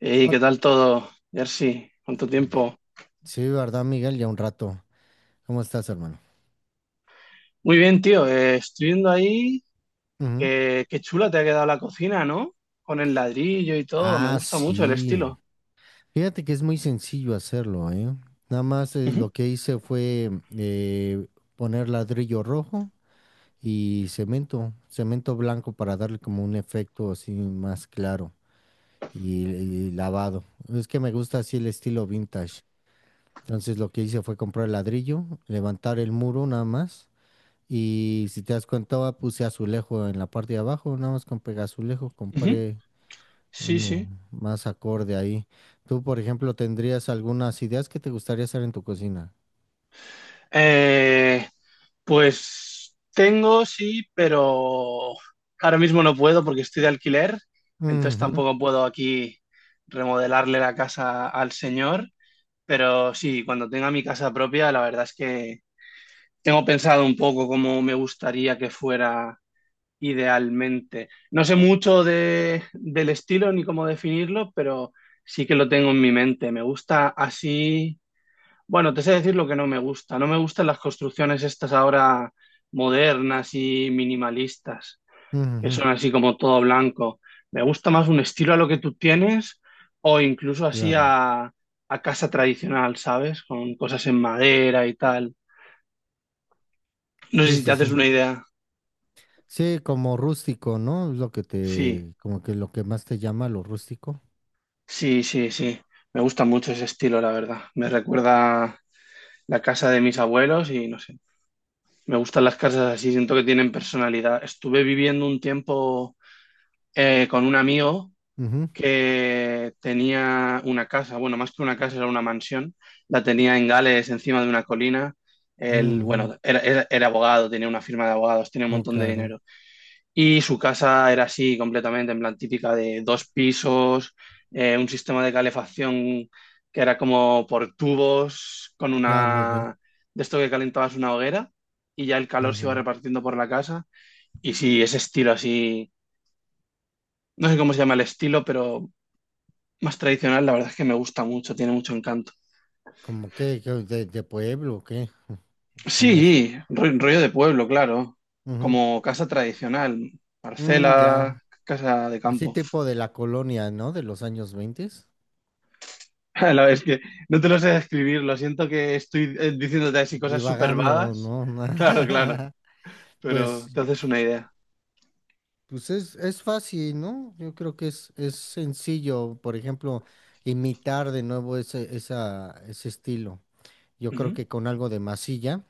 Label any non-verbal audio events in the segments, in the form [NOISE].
Hey, Hol- ¿qué tal todo, Jersey? ¿Cuánto tiempo? Sí, ¿verdad, Miguel? Ya un rato. ¿Cómo estás, hermano? Muy bien, tío. Estoy viendo ahí Ujú. que qué chula te ha quedado la cocina, ¿no? Con el ladrillo y todo. Me Ah, gusta mucho el sí. estilo. Fíjate que es muy sencillo hacerlo, ¿eh? Nada más Ujú, lo que hice fue eh, poner ladrillo rojo y cemento, cemento blanco para darle como un efecto así más claro y lavado. Es que me gusta así el estilo vintage. Entonces lo que hice fue comprar el ladrillo, levantar el muro nada más. Y si te das cuenta, va, puse azulejo en la parte de abajo, nada más con pegazulejo ujú. compré Sí, uno sí. más acorde ahí. Tú, por ejemplo, ¿tendrías algunas ideas que te gustaría hacer en tu cocina? Eh, pues tengo, sí, pero ahora mismo no puedo porque estoy de alquiler. Entonces Ujú, tampoco puedo aquí remodelarle la casa al señor. Pero sí, cuando tenga mi casa propia, la verdad es que tengo pensado un poco cómo me gustaría que fuera idealmente. No sé mucho de, del estilo ni cómo definirlo, pero sí que lo tengo en mi mente. Me gusta así. Bueno, te sé decir lo que no me gusta. No me gustan las construcciones estas ahora modernas y minimalistas, que ujú, son así como todo blanco. Me gusta más un estilo a lo que tú tienes o incluso así claro. A casa tradicional, ¿sabes? Con cosas en madera y tal. No sé Sí, si te sí, sí. haces una idea. Sí, como rústico, ¿no? Es lo que Sí. te, como que lo que más te llama lo rústico. Sí, sí, sí. Me gusta mucho ese estilo, la verdad. Me recuerda la casa de mis abuelos y no sé. Me gustan las casas así, siento que tienen personalidad. Estuve viviendo un tiempo con un amigo Ujú, que tenía una casa, bueno, más que una casa, era una mansión. La tenía en Gales, encima de una colina. Él, ujú. bueno, era abogado, tenía una firma de abogados, tenía un Oh, montón de claro. dinero. Y su casa era así completamente, en plan típica de dos pisos, un sistema de calefacción que era como por tubos, con Ya, muy bien. una de esto que calentabas una hoguera y ya el calor se iba Ujú. repartiendo por la casa. Y sí, ese estilo así, no sé cómo se llama el estilo, pero más tradicional, la verdad es que me gusta mucho, tiene mucho encanto. ¿Como qué? ¿De pueblo o qué? [LAUGHS] ¿Cómo es? Sí, rollo de pueblo, claro, Ujú. como casa tradicional, Mm, ya. parcela, casa de Así campo. tipo de la colonia, ¿no? De los años 20. [LAUGHS] La verdad es que no te lo sé describir, lo siento que estoy diciéndote así cosas súper Divagando, vagas. ¿no? Claro, claro, [LAUGHS] pero Pues, te haces una idea. pues es, fácil, ¿no? Yo creo que es sencillo, por ejemplo, imitar de nuevo ese estilo. Yo creo Ujú, que con algo de masilla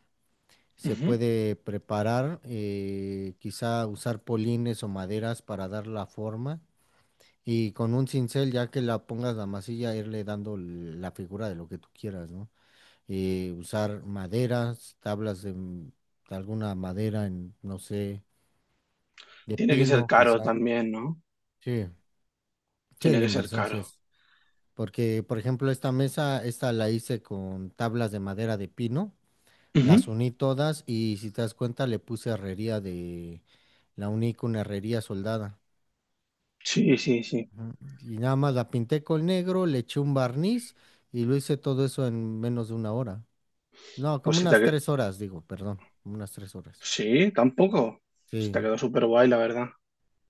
se ujú. puede preparar, quizá usar polines o maderas para dar la forma y con un cincel, ya que la pongas la masilla, irle dando la figura de lo que tú quieras, ¿no? Usar maderas, tablas de, de alguna madera, en, no sé, de Tiene que ser pino caro quizá. también, ¿no? Sí, sí, Tiene la que ser inversión sí caro. es. Porque, por ejemplo, esta mesa, esta la hice con tablas de madera de pino, Ujú. las uní todas y si te das cuenta le puse herrería de, la uní con herrería soldada. Sí, sí, sí. Ujú. Y nada más la pinté con negro, le eché un barniz y lo hice todo eso en menos de una hora. No, Pues como si te... ha unas que- 3 horas, digo, perdón, como unas 3 horas. Sí, tampoco. Se te Sí. quedó súper guay, la verdad.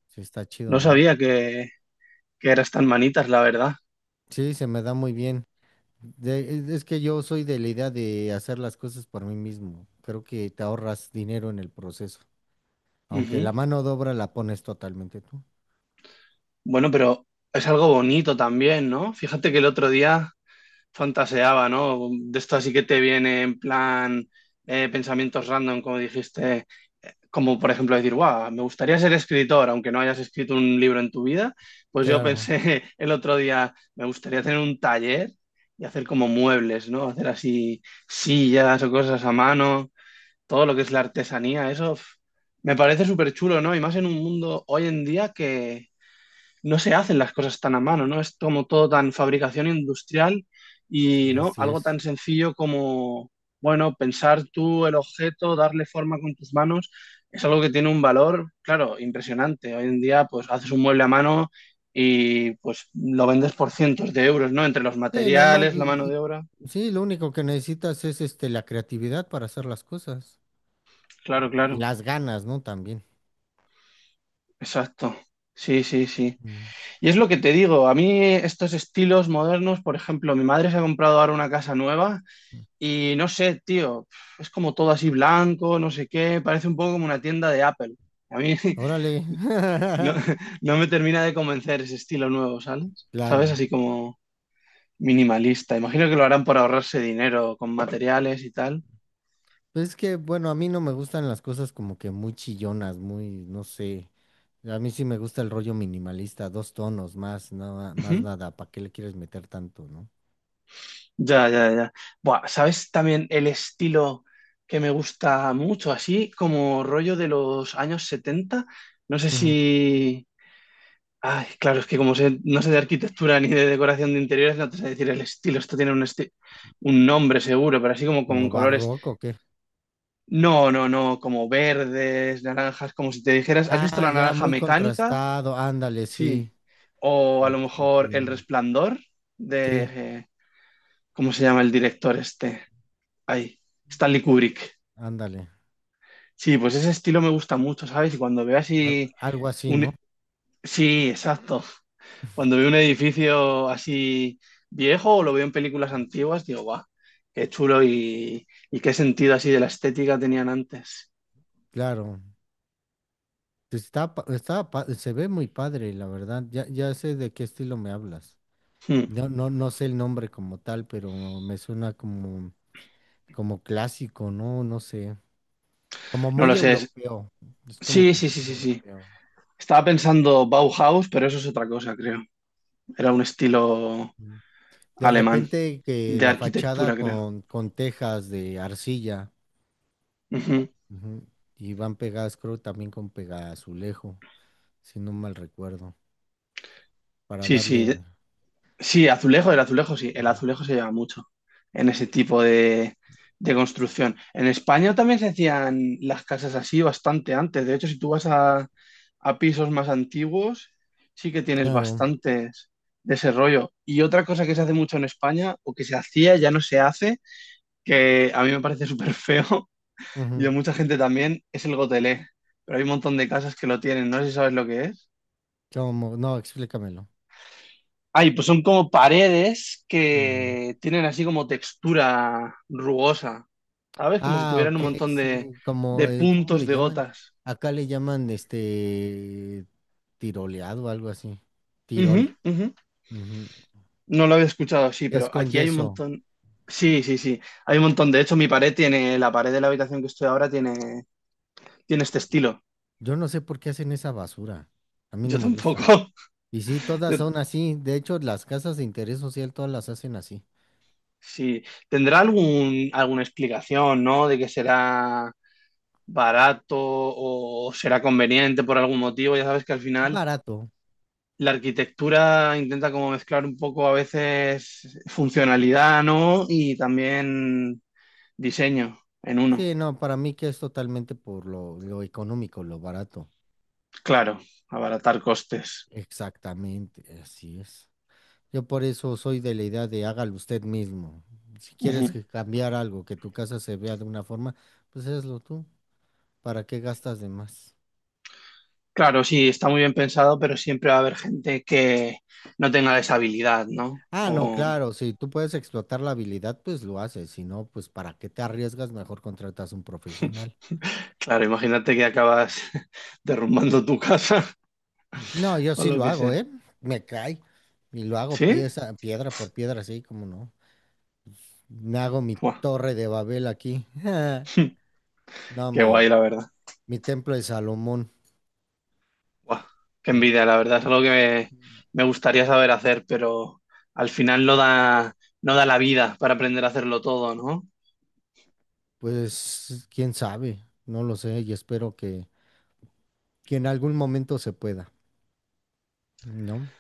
Sí, está No chido, ¿no? sabía que eras tan manitas, la verdad. Sí, se me da muy bien. Es que yo soy de la idea de hacer las cosas por mí mismo. Creo que te ahorras dinero en el proceso. Aunque Ujú. la mano de obra la pones totalmente tú. Bueno, pero es algo bonito también, ¿no? Fíjate que el otro día fantaseaba, ¿no? De esto así que te viene en plan pensamientos random, como dijiste, como por ejemplo decir, wow, me gustaría ser escritor, aunque no hayas escrito un libro en tu vida. Pues yo Claro, pensé [LAUGHS] el otro día, me gustaría tener un taller y hacer como muebles, ¿no? Hacer así sillas o cosas a mano, todo lo que es la artesanía, eso. Me parece súper chulo, ¿no? Y más en un mundo hoy en día que no se hacen las cosas tan a mano, ¿no? Es como todo tan fabricación industrial y, ¿no? así Algo es. tan sencillo como, bueno, pensar tú el objeto, darle forma con tus manos, es algo que tiene un valor, claro, impresionante. Hoy en día, pues haces un mueble a mano y pues lo vendes por cientos de euros, ¿no? Entre los Sí, nada más, materiales, la mano de obra. sí, lo único que necesitas es este la creatividad para hacer las cosas. Claro, Y claro, las ganas, ¿no? También. exacto. Sí, sí, sí. Mm. Y es lo que te digo, a mí estos estilos modernos, por ejemplo, mi madre se ha comprado ahora una casa nueva y no sé, tío, es como todo así blanco, no sé qué, parece un poco como una tienda de Apple. A mí [LAUGHS] Órale. no, [LAUGHS] no me termina de convencer ese estilo nuevo, ¿sabes? ¿Sabes? Claro. Así como minimalista. Imagino que lo harán por ahorrarse dinero con materiales y tal. Pues es que, bueno, a mí no me gustan las cosas como que muy chillonas, muy, no sé. A mí sí me gusta el rollo minimalista, dos tonos más, nada, más Ujú. nada. ¿Para qué le quieres meter tanto, no? Ya, ya, ya. Buah, ¿sabes también el estilo que me gusta mucho? Así como rollo de los años setenta. No sé Ujú. si, ay, claro, es que como no sé de arquitectura ni de decoración de interiores, no te sé decir el estilo. Esto tiene un nombre seguro, pero así como con ¿Como colores. barroco o qué? No, no, no, como verdes, naranjas, como si te dijeras, ¿has visto Ah, la ya, naranja muy mecánica? contrastado, ándale, Sí. sí. O a Ah, lo ok. Ok. mejor El Resplandor de, Sí, ¿cómo se llama el director este? Ay, Stanley Kubrick. ándale. Sí, pues ese estilo me gusta mucho, ¿sabes? Y cuando veo así Algo así, un... ¿no? Sí, exacto. Cuando veo un edificio así viejo o lo veo en películas antiguas, digo, va, qué chulo y qué sentido así de la estética tenían antes. Claro. Pues está, está, se ve muy padre, la verdad. Ya, ya sé de qué estilo me hablas. Hmm, No, no, no sé el nombre como tal, pero me suena como. Como clásico, ¿no? No sé. Como no muy lo sé. Europeo. Es como Sí, que sí, sí, muy sí, sí. europeo. Estaba pensando Bauhaus, pero eso es otra cosa, creo. Era un estilo Ujú. De alemán repente que de la fachada arquitectura, creo. con tejas de arcilla. Ujú. Ujú, y van pegadas, creo, también con azulejo, si no mal recuerdo. Para Sí, darle. sí. Sí, azulejo, el azulejo sí, el Ujú. azulejo se lleva mucho en ese tipo de construcción. En España también se hacían las casas así bastante antes. De hecho, si tú vas a pisos más antiguos, sí que tienes Claro. bastantes de ese rollo. Y otra cosa que se hace mucho en España, o que se hacía, ya no se hace, que a mí me parece súper feo, [LAUGHS] y Ujú. a mucha gente también, es el gotelé. Pero hay un montón de casas que lo tienen, no sé si sabes lo que es. Como, no, explícamelo. Ay, pues son como paredes Ujú. que tienen así como textura rugosa, ¿sabes? Como si Ah, tuvieran ok, un montón sí. Como de el, ¿cómo puntos le de llaman? gotas. Acá le llaman este tiroleado o algo así. Ujú, Tirol. ujú. Ujú. No lo había escuchado así, Es pero con aquí hay un yeso. montón. Sí, sí, sí. Hay un montón. De hecho, mi pared tiene, la pared de la habitación que estoy ahora tiene este estilo. Yo no sé por qué hacen esa basura. A mí no Yo me gusta. tampoco. Y sí, [LAUGHS] todas Yo- son así. De hecho, las casas de interés social todas las hacen así. sí. ¿Tendrá algún, alguna explicación, ¿no? De que será barato o será conveniente por algún motivo. Ya sabes que al final Barato. la arquitectura intenta como mezclar un poco a veces funcionalidad, ¿no? Y también diseño en uno. Sí, no, para mí que es totalmente por lo económico, lo barato. Claro, abaratar costes. Exactamente, así es. Yo por eso soy de la idea de hágalo usted mismo. Si quieres Ujú. que cambiar algo, que tu casa se vea de una forma, pues hazlo tú. ¿Para qué gastas de más? Claro, sí, está muy bien pensado, pero siempre va a haber gente que no tenga esa habilidad, ¿no? Ah, no, O, claro, si tú puedes explotar la habilidad, pues lo haces, si no, pues para qué te arriesgas, mejor contratas un profesional. claro, imagínate que acabas [LAUGHS] derrumbando tu casa [LAUGHS] No, yo o sí lo lo que hago, sea. ¿eh? Me cae y lo hago ¿Sí? pieza, piedra por piedra, así como no. Me hago mi Buah, torre de Babel aquí. [LAUGHS] No, qué guay, la verdad. mi templo de Salomón. Buah, qué envidia, la verdad, es algo que me gustaría saber hacer, pero al final no da la vida para aprender a hacerlo todo, ¿no? Pues quién sabe, no lo sé y espero que en algún momento se pueda, ¿no?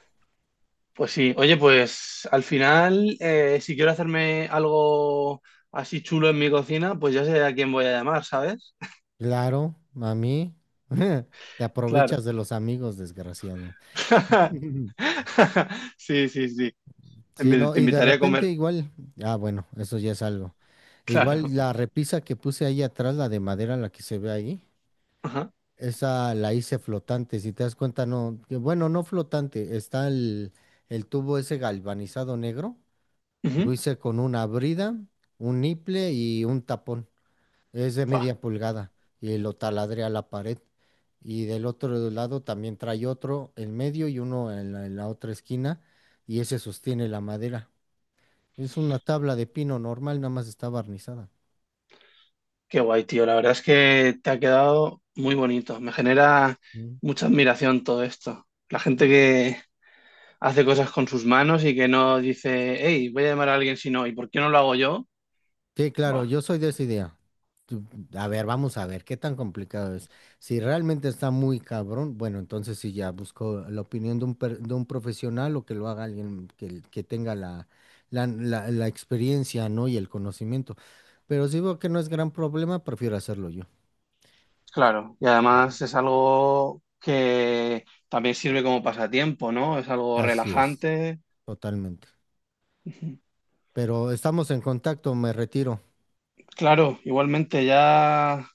Pues sí, oye, pues al final, si quiero hacerme algo así chulo en mi cocina, pues ya sé a quién voy a llamar, ¿sabes? Claro, a mí. [LAUGHS] Te Claro. aprovechas de los amigos, desgraciado. [LAUGHS] [LAUGHS] Sí, sí, sí. Te Sí, invi- no, te y de invitaré a repente comer. igual, ah, bueno, eso ya es algo. Igual Claro. la repisa que puse ahí atrás, la de madera, la que se ve ahí, Ajá. esa la hice flotante, si te das cuenta, no, que bueno, no flotante, está el tubo ese galvanizado negro, Ujú. lo hice con una brida, un niple y un tapón, es de Buah. media pulgada, y lo taladré a la pared. Y del otro lado también trae otro en medio y uno en la otra esquina, y ese sostiene la madera. Es una tabla de pino normal, nada más está barnizada. Qué guay, tío. La verdad es que te ha quedado muy bonito. Me genera Mm. mucha admiración todo esto. La gente que hace cosas con sus manos y que no dice, hey, voy a llamar a alguien si no, ¿y por qué no lo hago yo? Sí, claro, Buah, yo soy de esa idea. Tú- A ver, vamos a ver qué tan complicado es. Si realmente está muy cabrón, bueno, entonces sí ya busco la opinión de un profesional o que lo haga alguien que tenga la, la, la experiencia, ¿no? Y el conocimiento. Pero si veo que no es gran problema, prefiero hacerlo yo. claro. Y además es algo que también sirve como pasatiempo, ¿no? Es algo Así es, relajante. totalmente. Ujú. Pero estamos en contacto, me retiro. Claro, igualmente ya.